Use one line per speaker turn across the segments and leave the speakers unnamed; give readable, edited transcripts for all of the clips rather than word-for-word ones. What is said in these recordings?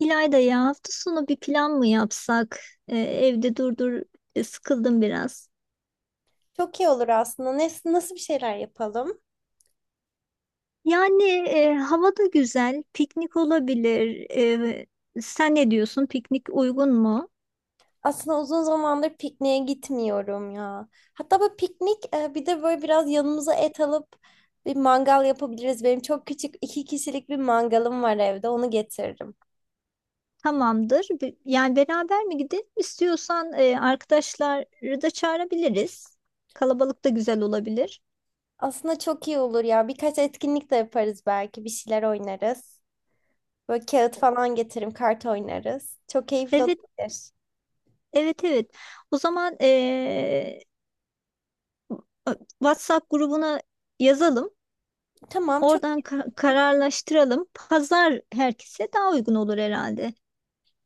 İlayda ya, hafta sonu bir plan mı yapsak? Evde durdur sıkıldım biraz.
Çok iyi olur aslında. Nasıl bir şeyler yapalım?
Yani Hava da güzel, piknik olabilir. Sen ne diyorsun? Piknik uygun mu?
Aslında uzun zamandır pikniğe gitmiyorum ya. Hatta böyle piknik bir de böyle biraz yanımıza et alıp bir mangal yapabiliriz. Benim çok küçük iki kişilik bir mangalım var evde. Onu getiririm.
Tamamdır. Yani beraber mi gidelim? İstiyorsan arkadaşları da çağırabiliriz. Kalabalık da güzel olabilir.
Aslında çok iyi olur ya. Birkaç etkinlik de yaparız belki. Bir şeyler oynarız. Böyle kağıt falan getiririm. Kart oynarız. Çok keyifli
Evet,
olabilir.
evet, evet. O zaman WhatsApp grubuna yazalım.
Tamam, çok.
Oradan kararlaştıralım. Pazar herkese daha uygun olur herhalde.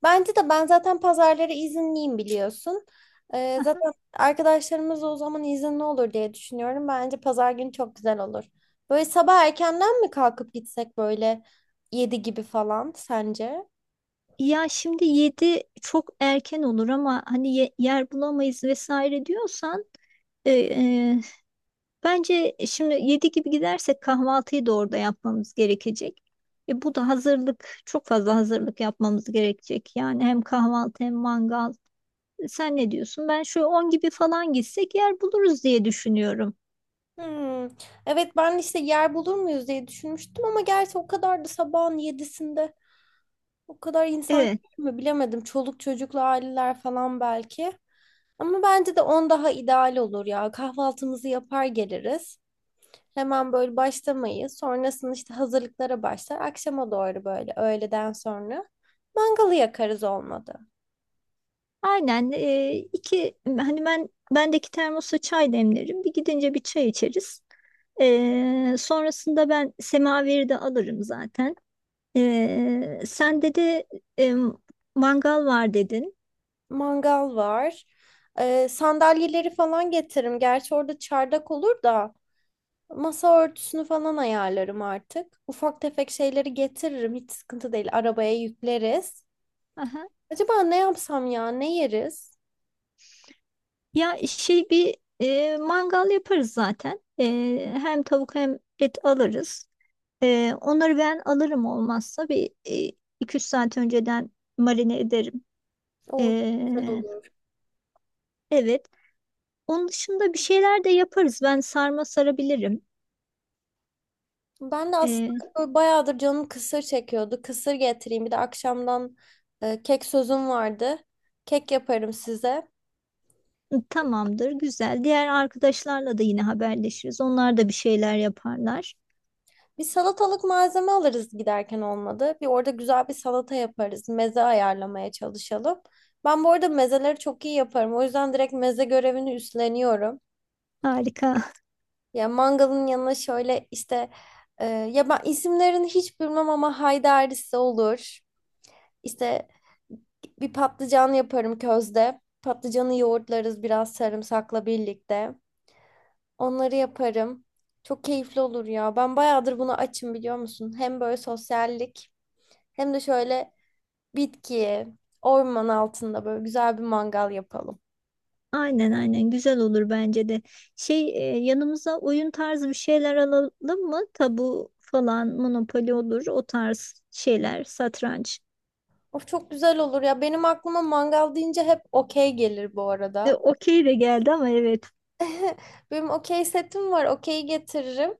Bence de ben zaten pazarları izinliyim biliyorsun.
Aha.
Zaten arkadaşlarımız da o zaman izinli olur diye düşünüyorum. Bence pazar günü çok güzel olur. Böyle sabah erkenden mi kalkıp gitsek böyle 7 gibi falan sence?
Ya şimdi yedi çok erken olur, ama hani yer bulamayız vesaire diyorsan, e, e, bence şimdi 7 gibi gidersek kahvaltıyı da orada yapmamız gerekecek. Bu da çok fazla hazırlık yapmamız gerekecek. Yani hem kahvaltı hem mangal. Sen ne diyorsun? Ben şöyle 10 gibi falan gitsek yer buluruz diye düşünüyorum.
Hmm. Evet, ben işte yer bulur muyuz diye düşünmüştüm ama gerçi o kadar da sabahın yedisinde. O kadar insan
Evet.
mü bilemedim. Çoluk çocuklu aileler falan belki. Ama bence de on daha ideal olur ya. Kahvaltımızı yapar geliriz. Hemen böyle başlamayız. Sonrasında işte hazırlıklara başlar. Akşama doğru böyle öğleden sonra mangalı yakarız olmadı.
Aynen. e, iki hani Ben bendeki termosa çay demlerim. Bir gidince bir çay içeriz. Sonrasında ben semaveri de alırım zaten. Sen de e, mangal var dedin.
Mangal var. Sandalyeleri falan getiririm. Gerçi orada çardak olur da masa örtüsünü falan ayarlarım artık. Ufak tefek şeyleri getiririm. Hiç sıkıntı değil. Arabaya yükleriz.
Aha.
Acaba ne yapsam ya? Ne yeriz?
Mangal yaparız zaten. Hem tavuk hem et alırız. Onları ben alırım, olmazsa 2-3 saat önceden marine ederim.
O güzel
E,
olur.
evet. Onun dışında bir şeyler de yaparız. Ben sarma sarabilirim.
Ben de
Ee,
aslında böyle bayağıdır canım kısır çekiyordu. Kısır getireyim. Bir de akşamdan kek sözüm vardı. Kek yaparım size.
Tamamdır, güzel. Diğer arkadaşlarla da yine haberleşiriz. Onlar da bir şeyler yaparlar.
Bir salatalık malzeme alırız giderken olmadı. Bir orada güzel bir salata yaparız. Meze ayarlamaya çalışalım. Ben bu arada mezeleri çok iyi yaparım. O yüzden direkt meze görevini üstleniyorum.
Harika.
Ya mangalın yanına şöyle işte ya ben isimlerini hiç bilmem ama haydarisi olur. İşte bir patlıcan yaparım közde. Patlıcanı yoğurtlarız biraz sarımsakla birlikte. Onları yaparım. Çok keyifli olur ya. Ben bayağıdır bunu açım biliyor musun? Hem böyle sosyallik hem de şöyle bitki, orman altında böyle güzel bir mangal yapalım.
Aynen aynen, güzel olur bence de. Şey Yanımıza oyun tarzı bir şeyler alalım mı? Tabu falan, Monopoly olur, o tarz şeyler, satranç.
Of çok güzel olur ya. Benim aklıma mangal deyince hep okey gelir bu arada.
Okey de geldi ama evet.
Benim okey setim var. Okey getiririm.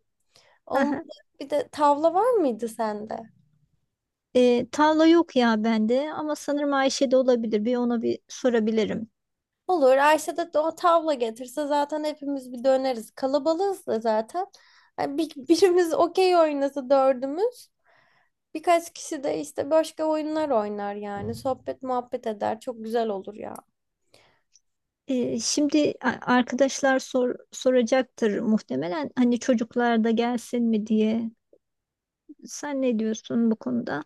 Olmadı.
Aha.
Bir de tavla var mıydı sende?
Tavla yok ya bende, ama sanırım Ayşe'de olabilir. Bir ona bir sorabilirim.
Olur. Ayşe de o tavla getirse zaten hepimiz bir döneriz. Kalabalığız da zaten. Yani bir, birimiz okey oynasa dördümüz. Birkaç kişi de işte başka oyunlar oynar yani. Sohbet muhabbet eder. Çok güzel olur ya.
Şimdi arkadaşlar soracaktır muhtemelen. Hani çocuklar da gelsin mi diye. Sen ne diyorsun bu konuda?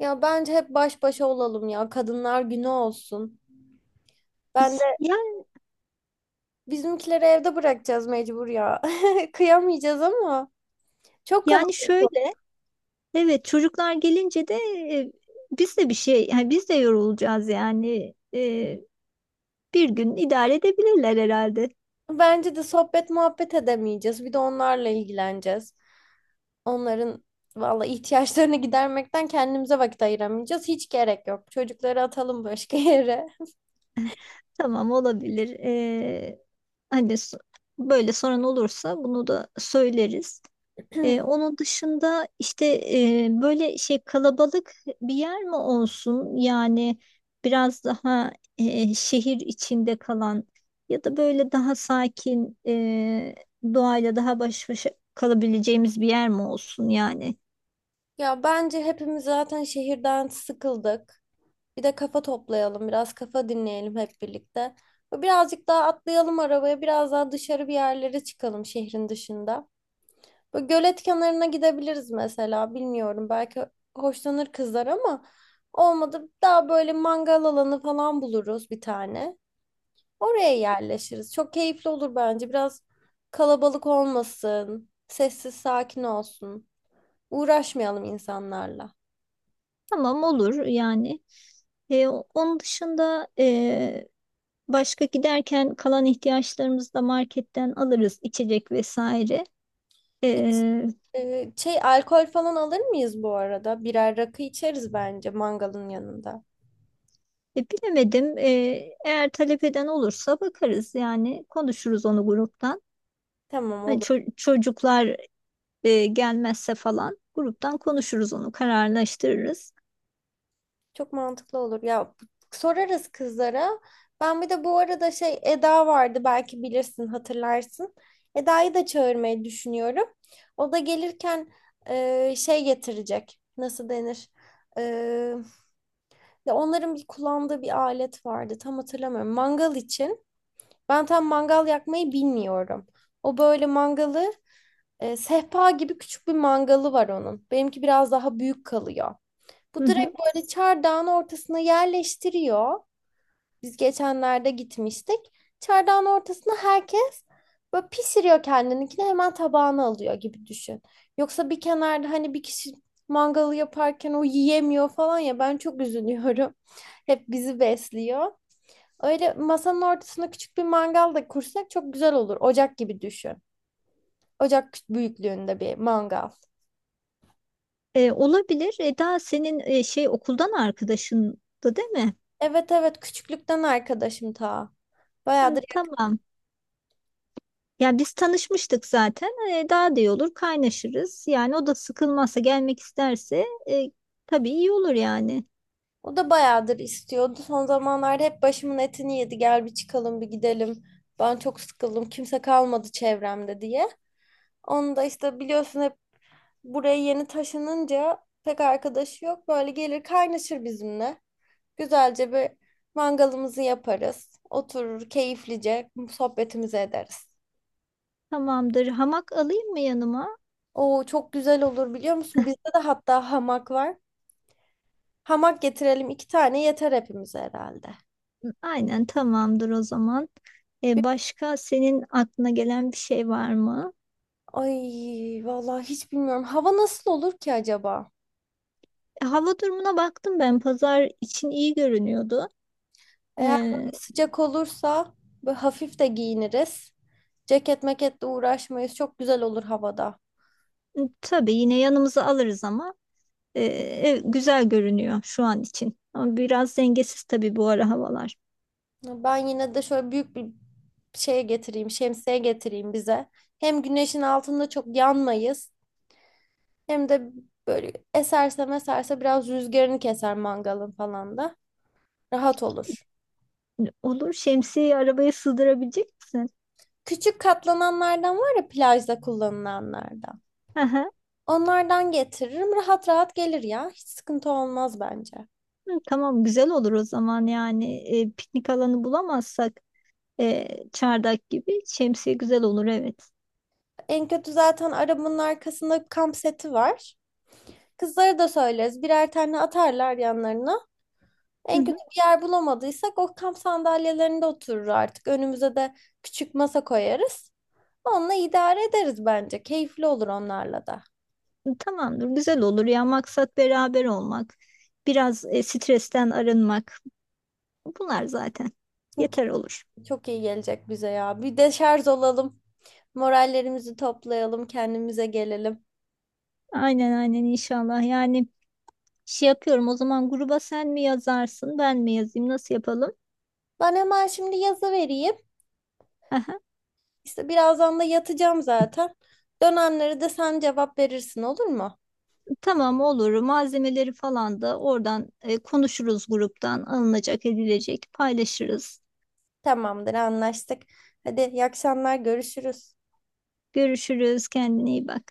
Ya bence hep baş başa olalım ya. Kadınlar günü olsun. Ben de
Yani,
bizimkileri evde bırakacağız mecbur ya. Kıyamayacağız ama çok
yani
kalabalık olur.
şöyle. Evet, çocuklar gelince de, e, biz de bir şey, yani biz de yorulacağız yani. Bir gün idare edebilirler herhalde.
Bence de sohbet muhabbet edemeyeceğiz. Bir de onlarla ilgileneceğiz. Onların valla ihtiyaçlarını gidermekten kendimize vakit ayıramayacağız. Hiç gerek yok. Çocukları atalım başka yere.
Tamam, olabilir. Hani böyle sorun olursa bunu da söyleriz. Onun dışında işte böyle şey, kalabalık bir yer mi olsun? Yani biraz daha şehir içinde kalan, ya da böyle daha sakin, doğayla daha baş başa kalabileceğimiz bir yer mi olsun yani?
Ya bence hepimiz zaten şehirden sıkıldık. Bir de kafa toplayalım, biraz kafa dinleyelim hep birlikte. Birazcık daha atlayalım arabaya, biraz daha dışarı bir yerlere çıkalım şehrin dışında. Böyle gölet kenarına gidebiliriz mesela. Bilmiyorum, belki hoşlanır kızlar ama olmadı daha böyle mangal alanı falan buluruz bir tane. Oraya yerleşiriz. Çok keyifli olur bence. Biraz kalabalık olmasın. Sessiz sakin olsun. Uğraşmayalım insanlarla.
Tamam, olur yani. Onun dışında, başka giderken kalan ihtiyaçlarımızı da marketten alırız, içecek vesaire.
Şey alkol falan alır mıyız bu arada? Birer rakı içeriz bence mangalın yanında.
Bilemedim. Eğer talep eden olursa bakarız, yani konuşuruz onu gruptan.
Tamam,
Hani
olur.
çocuklar gelmezse falan gruptan konuşuruz, onu kararlaştırırız.
Çok mantıklı olur. Ya sorarız kızlara. Ben bir de bu arada şey Eda vardı, belki bilirsin hatırlarsın. Eda'yı da çağırmayı düşünüyorum. O da gelirken şey getirecek. Nasıl denir? E, Ya onların bir kullandığı bir alet vardı. Tam hatırlamıyorum. Mangal için. Ben tam mangal yakmayı bilmiyorum. O böyle mangalı sehpa gibi küçük bir mangalı var onun. Benimki biraz daha büyük kalıyor.
Hı
Bu
hı.
direkt böyle çardağın ortasına yerleştiriyor. Biz geçenlerde gitmiştik. Çardağın ortasına herkes böyle pişiriyor, kendininkini hemen tabağına alıyor gibi düşün. Yoksa bir kenarda hani bir kişi mangalı yaparken o yiyemiyor falan ya ben çok üzülüyorum. Hep bizi besliyor. Öyle masanın ortasına küçük bir mangal da kursak çok güzel olur. Ocak gibi düşün. Ocak büyüklüğünde bir mangal.
Olabilir. Eda senin okuldan arkadaşındı değil mi?
Evet, evet, küçüklükten arkadaşım ta.
Hı,
Bayağıdır.
tamam. Ya biz tanışmıştık zaten. Daha da iyi olur, kaynaşırız. Yani o da sıkılmazsa, gelmek isterse, tabii iyi olur yani.
O da bayağıdır istiyordu. Son zamanlarda hep başımın etini yedi. Gel bir çıkalım bir gidelim. Ben çok sıkıldım. Kimse kalmadı çevremde diye. Onu da işte biliyorsun hep buraya yeni taşınınca pek arkadaşı yok. Böyle gelir kaynaşır bizimle. Güzelce bir mangalımızı yaparız. Oturur keyiflice sohbetimizi ederiz.
Tamamdır. Hamak alayım mı yanıma?
Oo çok güzel olur biliyor musun? Bizde de hatta hamak var. Hamak getirelim, iki tane yeter hepimize herhalde.
Aynen, tamamdır o zaman. Başka senin aklına gelen bir şey var mı?
Ay vallahi hiç bilmiyorum. Hava nasıl olur ki acaba?
Hava durumuna baktım ben. Pazar için iyi görünüyordu. E,
Eğer böyle sıcak olursa böyle hafif de giyiniriz. Ceket meketle uğraşmayız. Çok güzel olur havada.
tabii yine yanımıza alırız, ama güzel görünüyor şu an için. Ama biraz dengesiz tabii bu ara havalar.
Ben yine de şöyle büyük bir şeye getireyim, şemsiye getireyim bize. Hem güneşin altında çok yanmayız. Hem de böyle eserse meserse biraz rüzgarını keser mangalın falan da. Rahat olur.
Hani olur, şemsiyeyi arabaya sığdırabilecek misin?
Küçük katlananlardan var ya plajda kullanılanlardan.
Aha,
Onlardan getiririm. Rahat rahat gelir ya. Hiç sıkıntı olmaz bence.
hı, hı. Tamam, güzel olur o zaman yani. Piknik alanı bulamazsak, çardak gibi şemsiye güzel olur, evet.
En kötü zaten arabanın arkasında kamp seti var. Kızlara da söyleriz. Birer tane atarlar yanlarına.
Hı
En kötü
hı.
bir yer bulamadıysak o kamp sandalyelerinde oturur artık. Önümüze de küçük masa koyarız. Onunla idare ederiz bence. Keyifli olur onlarla da.
Tamamdır, güzel olur. Ya maksat beraber olmak, biraz stresten arınmak, bunlar zaten
Çünkü
yeter olur.
çok iyi gelecek bize ya. Bir de şarj olalım. Morallerimizi toplayalım. Kendimize gelelim.
Aynen, aynen, inşallah. Yani şey yapıyorum, o zaman gruba sen mi yazarsın ben mi yazayım, nasıl yapalım?
Ben hemen şimdi yazı vereyim.
Aha,
İşte birazdan da yatacağım zaten. Dönenlere de sen cevap verirsin olur mu?
tamam, olur. Malzemeleri falan da oradan konuşuruz gruptan, alınacak edilecek paylaşırız.
Tamamdır, anlaştık. Hadi iyi akşamlar, görüşürüz.
Görüşürüz, kendine iyi bak.